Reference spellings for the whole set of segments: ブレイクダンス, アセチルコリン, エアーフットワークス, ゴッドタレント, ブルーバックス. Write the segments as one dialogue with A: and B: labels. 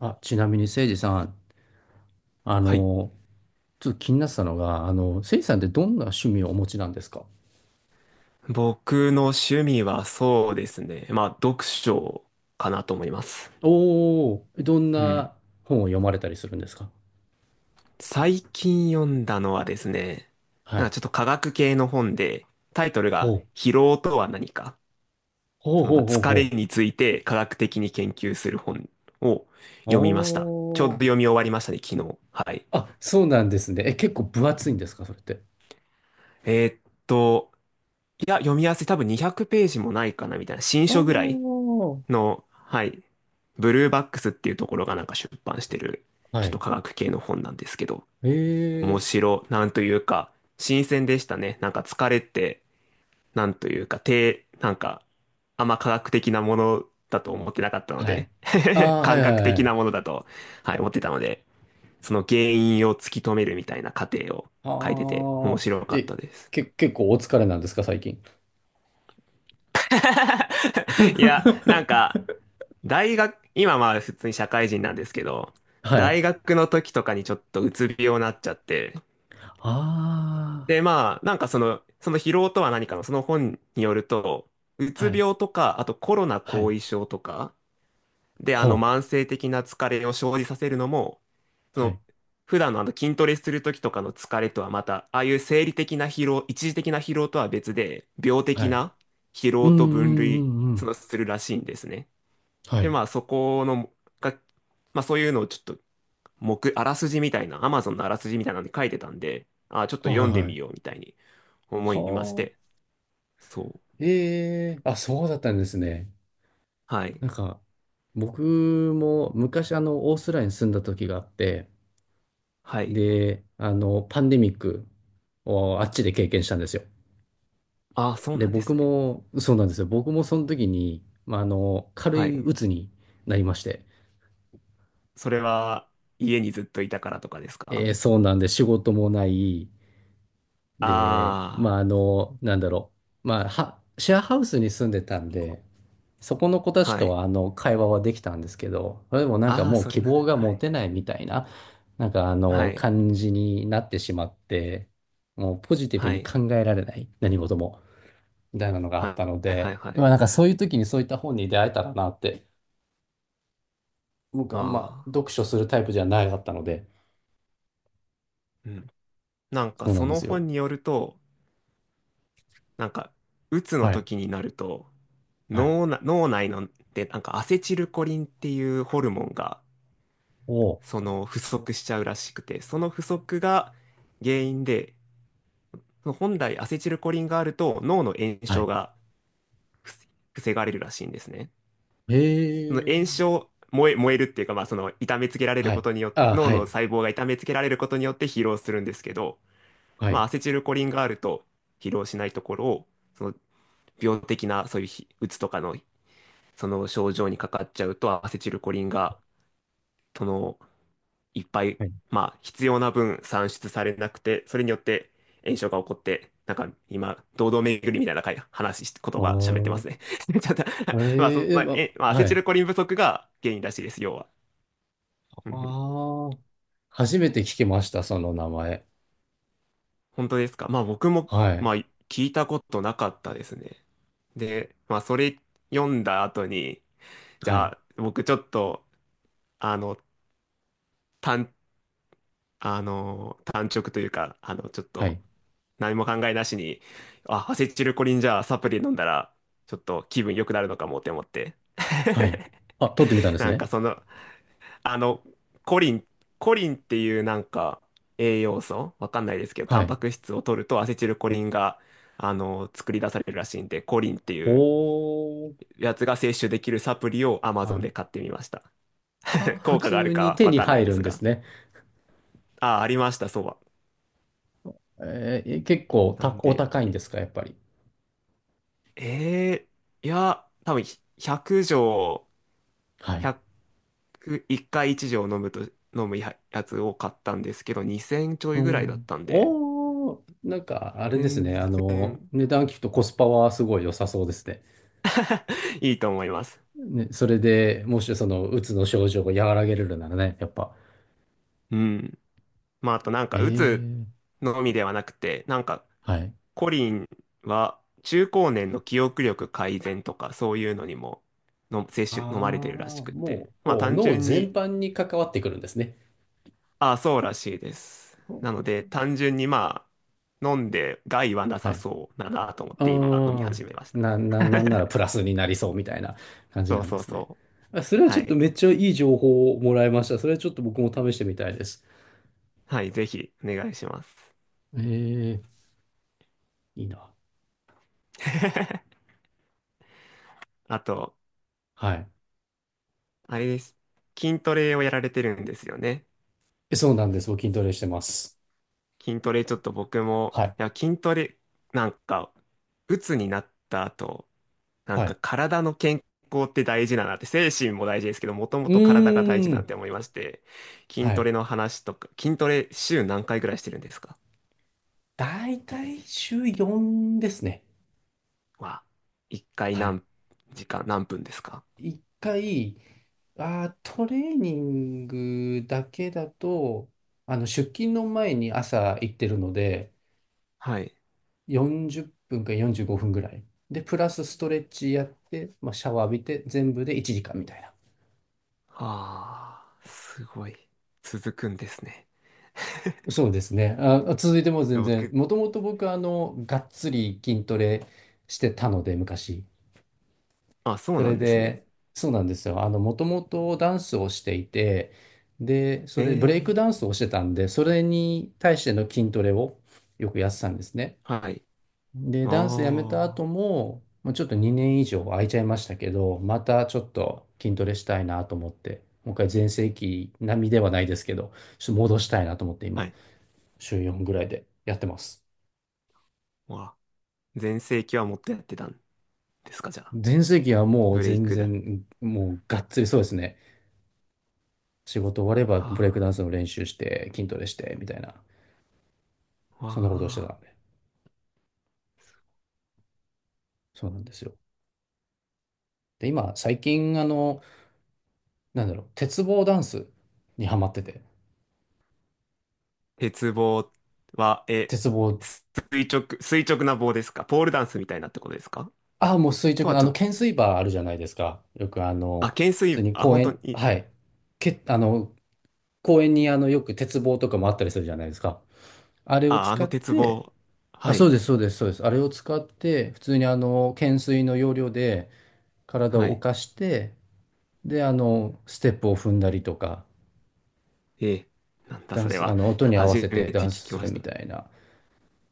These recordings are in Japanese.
A: あ、ちなみに、誠司さん、あ
B: はい。
A: の、ちょっと気になってたのが、誠司さんってどんな趣味をお持ちなんですか？
B: 僕の趣味はそうですね。まあ、読書かなと思います。
A: おおー、どん
B: うん。
A: な本を読まれたりするんですか？
B: 最近読んだのはですね、
A: は
B: なんか
A: い。
B: ちょっと科学系の本で、タイトル
A: ほ
B: が
A: う、
B: 疲労とは何か、
A: ほう
B: そのま
A: ほ
B: あ
A: うほう
B: 疲れ
A: ほう。
B: について科学的に研究する本を
A: お
B: 読みました。ちょうど
A: お、
B: 読み終わりましたね、昨日。はい。
A: あ、そうなんですね。結構分厚いんですか、それって？
B: えーっと、いや、読みやすい。多分200ページもないかな、みたいな。新書ぐら
A: お
B: い
A: お、
B: の、はい、ブルーバックスっていうところがなんか出版してる、
A: は
B: ちょっと
A: い。
B: 科学系の本なんですけど、
A: ええ、
B: なんというか、新鮮でしたね。なんか疲れて、なんというか、て、なんか、あんま科学的なものだと思ってなかったの
A: はい。
B: で、
A: あ あ、はい
B: 感
A: は
B: 覚
A: いは
B: 的な
A: い。
B: ものだと、はい、思ってたので、その原因を突き止めるみたいな過程を書いてて、面
A: ああ、
B: 白かった
A: え、
B: です。
A: 結構お疲れなんですか、最近？
B: いや、なん か、大学、今まあ普通に社会人なんですけど、
A: はい。
B: 大学の時とかにちょっとうつ病になっちゃって、
A: あ
B: でその疲労とは何かのその本によると、う
A: あ、は
B: つ
A: い。
B: 病とか、あとコロナ
A: は
B: 後
A: い。
B: 遺症とか、で慢性的な疲れを生じさせるのも、そ
A: はあはい。
B: の普段の筋トレする時とかの疲れとはまた、ああいう生理的な疲労、一時的な疲労とは別で、病
A: は
B: 的
A: い。
B: な疲
A: うん
B: 労
A: う
B: と分
A: んう
B: 類、
A: んう
B: そ
A: ん。
B: のするらしいんですね。
A: は
B: で、
A: い。
B: まあそこの、が、まあそういうのをちょっと、あらすじみたいな、Amazon のあらすじみたいなのに書いてたんで、あーちょっと
A: は
B: 読
A: い
B: ん
A: は
B: で
A: いは
B: み
A: い。
B: ようみたいに思
A: は
B: いまして。
A: あ。
B: そう。
A: ええあ、そうだったんですね。
B: はい。
A: なんか、僕も昔、オーストラリアに住んだ時があって、
B: はい。
A: で、パンデミックをあっちで経験したんですよ。
B: ああ、そう
A: で、
B: なんで
A: 僕
B: すね。
A: も、そうなんですよ。僕もその時に、まあ、軽
B: は
A: い
B: い。
A: 鬱になりまして、
B: それは、家にずっといたからとかですか？
A: そうなんで、仕事もない、で、ま
B: あ
A: あ、なんだろう。まあ、は、シェアハウスに住んでたんで、そこの子た
B: あー、
A: ち
B: は
A: と
B: い。
A: は、会話はできたんですけど、でもなんか
B: ああ、
A: もう
B: それ
A: 希
B: な
A: 望
B: ら、
A: が
B: は
A: 持
B: い。
A: てないみたいな、なんか
B: はい。
A: 感じになってしまって、もうポジティブ
B: は
A: に
B: い。
A: 考えられない、何事も、みたいなのがあっ
B: は
A: たの
B: い。は
A: で、
B: い。は
A: まあ、
B: い。
A: なんかそういう時にそういった本に出会えたらなって、僕あんま
B: あ
A: 読書するタイプじゃないだったので、
B: あー、うん。なんか
A: そうな
B: そ
A: んで
B: の
A: す
B: 本
A: よ。
B: によると、なんか、鬱の
A: はい。
B: 時になると、
A: はい。
B: 脳内ので、なんかアセチルコリンっていうホルモンが、
A: おー
B: その不足しちゃうらしくて、その不足が原因で、本来アセチルコリンがあると脳の炎
A: は
B: 症
A: い。
B: が防がれるらしいんですね。
A: へ
B: その炎
A: え。
B: 症、燃え、燃えるっていうか、まあその痛めつけられる
A: は
B: こ
A: い。
B: とによって、
A: あ、
B: 脳
A: は
B: の
A: い。
B: 細胞が痛めつけられることによって疲労するんですけど、
A: は
B: まあ
A: い。
B: アセチルコリンがあると疲労しないところを、その病的なそういうひうつとかのその症状にかかっちゃうとアセチルコリンがその、いっぱい、
A: はい。
B: まあ、必要な分産出されなくて、それによって炎症が起こって、なんか今、堂々巡りみたいな会話し、言葉喋ってます
A: あ
B: ね。ちょっと
A: あ、ええま
B: まあ、アセ
A: は
B: チ
A: い。
B: ルコリン不足が原因らしいです、要は。
A: あ
B: うんうん
A: あ、初めて聞きました、その名前。
B: 本当ですか？まあ、僕も、
A: はい。
B: まあ、聞いたことなかったですね。で、まあ、それ読んだ後に、じ
A: は
B: ゃ
A: い。
B: あ、僕ちょっと、あの、単、単直というか、あの、ちょっ
A: は
B: と、
A: い。
B: 何も考えなしに、あ、アセチルコリンじゃあサプリ飲んだら、ちょっと気分良くなるのかもって思って。
A: はい。あ、取ってみたんで す
B: なん
A: ね。
B: かその、あの、コリン、コリンっていうなんか栄養素、わかんないですけど、タ
A: は
B: ン
A: い。
B: パク質を取るとアセチルコリンが、あの、作り出されるらしいんで、コリンっていう
A: おー。
B: やつが摂取できるサプリを
A: は
B: Amazon
A: い。
B: で買ってみました。
A: あ、普
B: 効果がある
A: 通に
B: か
A: 手
B: わ
A: に
B: かんな
A: 入
B: いで
A: る
B: す
A: んです
B: が。
A: ね。
B: あ、ありました、そうは。
A: えー、結構
B: なん
A: お
B: で、
A: 高いんですか、やっぱり？
B: えいや、多分100錠、
A: はい。
B: 100く1回1錠飲むと、飲むや、やつを買ったんですけど、2000ちょ
A: う
B: いぐらいだっ
A: ん。
B: たんで、
A: おー。なんか、あれです
B: 全
A: ね。あ
B: 然
A: の、値段聞くとコスパはすごい良さそうですね。
B: いいと思います。
A: ね、それでもしその、うつの症状を和らげれるならね、やっぱ。
B: うん。まあ、あとなん
A: え
B: か、うつ
A: え、
B: のみではなくて、なんか、
A: はい。
B: コリンは中高年の記憶力改善とか、そういうのにもの、
A: あ
B: 摂
A: あ、
B: 取、飲まれてるらしく
A: も
B: て、
A: う、
B: まあ、
A: こう、
B: 単
A: 脳
B: 純
A: 全
B: に、
A: 般に関わってくるんですね。
B: ああ、そうらしいです。なので、単純にまあ、飲んで害はな
A: は
B: さ
A: い。
B: そうだなと思っ
A: う
B: て今飲み
A: ーん。
B: 始めました。
A: なんならプラスになりそうみたいな感じ
B: そ
A: な
B: う
A: んで
B: そう
A: すね。
B: そ
A: あ、それ
B: う。
A: はち
B: は
A: ょっと
B: い。
A: めっちゃいい情報をもらいました。それはちょっと僕も試してみたいです。
B: はい、ぜひお願いします。
A: ええ、いいな。
B: あと、
A: はい。
B: あれです。筋トレをやられてるんですよね？
A: えそうなんです。僕筋トレしてます。
B: 筋トレちょっと僕も、
A: はい。
B: いや、筋トレ、なんか、鬱になった後、なん
A: は
B: か
A: い。
B: 体の健康って大事だなって、精神も大事ですけど、もとも
A: う
B: と体が大事
A: ー
B: だなっ
A: ん。
B: て思いまして、筋
A: は
B: ト
A: い。
B: レの話とか、筋トレ週何回ぐらいしてるんですか？
A: だいたい週4ですね。
B: は、1回
A: はい。
B: 何時間、何分ですか？
A: 一回、あー、トレーニングだけだと、出勤の前に朝行ってるので、
B: はい。
A: 40分か45分ぐらい。で、プラスストレッチやって、まあ、シャワー浴びて、全部で1時間みたいな。
B: ああ、すごい。続くんですね。
A: そうですね。あ、続いても全然、
B: 僕、
A: もともと僕、がっつり筋トレしてたので、昔。
B: あ、そう
A: そ
B: な
A: れ
B: んですね。
A: で、そうなんですよ。もともとダンスをしていて、で、そ
B: え
A: れ、ブレイク
B: え、
A: ダンスをしてたんで、それに対しての筋トレをよくやってたんですね。
B: はい。あ
A: で、ダンスやめた後
B: あ、
A: も、もうちょっと2年以上空いちゃいましたけど、またちょっと筋トレしたいなと思って、もう一回全盛期並みではないですけど、ちょっと戻したいなと思って
B: は
A: 今、
B: い。
A: 週4ぐらいでやってます。
B: わ、全盛期はもっとやってたんですか、じゃあ？
A: 全盛期はもう
B: ブレイ
A: 全
B: クだ。
A: 然、もうがっつりそうですね。仕事終わればブレイクダン
B: は
A: スの練習して筋トレしてみたいな、
B: あ、わ
A: そんなことをしてた
B: あ。
A: ので、そうなんですよ。で、今、最近、なんだろう、鉄棒ダンスにハマってて、
B: 鉄棒は、え、
A: 鉄棒、
B: す垂直、垂直な棒ですか？ポールダンスみたいなってことですか？
A: ああ、もう垂
B: と
A: 直
B: は
A: な、
B: ちょっと、
A: 懸垂バーあるじゃないですか。よく、
B: あ、懸
A: 普通
B: 垂、
A: に
B: あ、
A: 公
B: 本当
A: 園、
B: に、
A: はい、け、あの、公園に、よく鉄棒とかもあったりするじゃないですか。あれを
B: あ、あ
A: 使
B: の
A: っ
B: 鉄
A: て、
B: 棒。
A: あ、
B: は
A: そう
B: い、
A: です、そうです、そうです。あれを使って、普通にあの、懸垂の要領で体
B: は
A: を浮
B: い。
A: かして、で、ステップを踏んだりとか、
B: ええ、なんだ
A: ダ
B: そ
A: ン
B: れ
A: ス、
B: は。
A: 音に合わせ
B: 初め
A: てダ
B: て聞
A: ンス
B: き
A: す
B: ま
A: る
B: し
A: み
B: た。
A: たいな。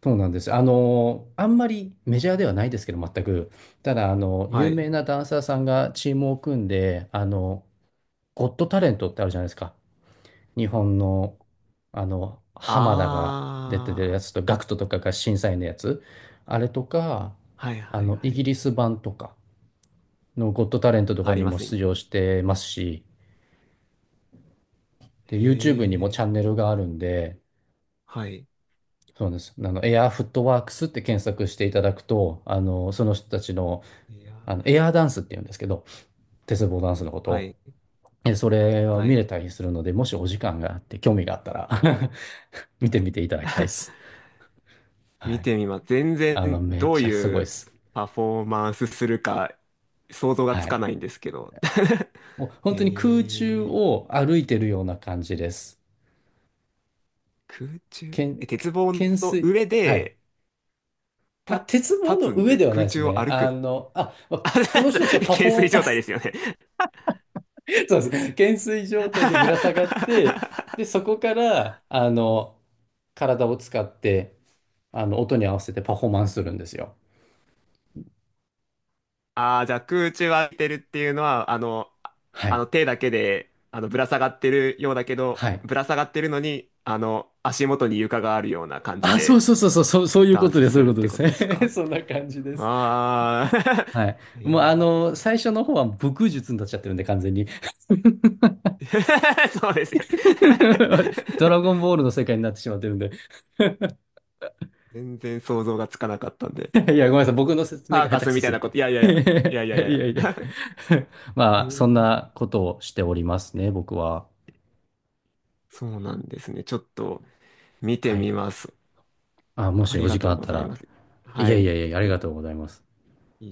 A: そうなんです。あんまりメジャーではないですけど、全く。ただ、
B: は
A: 有名
B: い。
A: なダンサーさんがチームを組んで、ゴッドタレントってあるじゃないですか。日本の、浜田が出てる
B: あ
A: やつと、ガクトとかが審査員のやつ。あれとか、
B: あ、はいはいは
A: イ
B: い。
A: ギリス版とかのゴッドタレントとか
B: あり
A: に
B: ま
A: も
B: すね。
A: 出場してますし、で、
B: へ
A: YouTube にもチ
B: え。
A: ャンネルがあるんで、
B: はい。
A: そうです。エアーフットワークスって検索していただくと、その人たちの、
B: いやー、
A: エアーダンスって言うんですけど、鉄棒ダンスのこと
B: は
A: を、
B: い。
A: えそれを
B: は
A: 見
B: い。
A: れたりするので、もしお時間があって、興味があったら 見てみていただきたいで す。は
B: 見
A: い。
B: てみます。全然
A: めっ
B: どう
A: ちゃすご
B: い
A: いで
B: う
A: す。
B: パフォーマンスするか想像が
A: は
B: つか
A: い。
B: ないんですけど。
A: もう 本当に空中
B: へえ。
A: を歩いてるような感じです。
B: 空中、
A: けん、
B: え、鉄
A: け
B: 棒
A: 懸
B: の
A: 垂。
B: 上
A: はい。
B: で、
A: あ、
B: た、
A: 鉄棒
B: 立
A: の
B: つん
A: 上
B: で、
A: ではない
B: 空
A: です
B: 中を
A: ね。
B: 歩く。あ、
A: その人たちはパフ
B: 懸垂
A: ォーマン
B: 状態ですよね。
A: そうです。懸垂状態でぶら下がって、で、そこから、体を使って、音に合わせてパフォーマンスするんですよ。
B: ああ、じゃあ空中を歩いてるっていうのは、あの、あ
A: は
B: あ
A: い。
B: の手だけで、あの、ぶら下がってるようだけど、
A: はい。
B: ぶら下がってるのに、あの、足元に床があるような感じ
A: あ、そう
B: で
A: そうそうそう、そうそういう
B: ダ
A: こ
B: ン
A: と
B: ス
A: です、そ
B: す
A: ういう
B: るっ
A: こと
B: て
A: で
B: ことです
A: す。
B: か？
A: そんな感じです。
B: ああ
A: はい。
B: ー、
A: もう、
B: えー
A: 最初の方は武空術になっちゃってるんで、完全に。
B: そうですよ。
A: ドラゴン ボールの世界になってしまってるんで。
B: 全然想像がつかなかったんで。
A: いや、ごめんなさい。僕の説明
B: サー
A: が下
B: カ
A: 手く
B: ス
A: そ
B: みた
A: す
B: い
A: ぎ
B: なこ
A: て。
B: と、いやいやいや、い やい
A: い
B: やいやい
A: やいや。
B: や。へ
A: まあ、
B: ー
A: そんなことをしておりますね、僕は。
B: そうなんですね。ちょっと見
A: は
B: て
A: い。
B: みます。
A: あ、も
B: あ
A: し
B: り
A: お時
B: が
A: 間
B: とう
A: あっ
B: ご
A: た
B: ざいま
A: ら。
B: す。
A: い
B: は
A: やい
B: い。
A: やいや、ありがとうございます。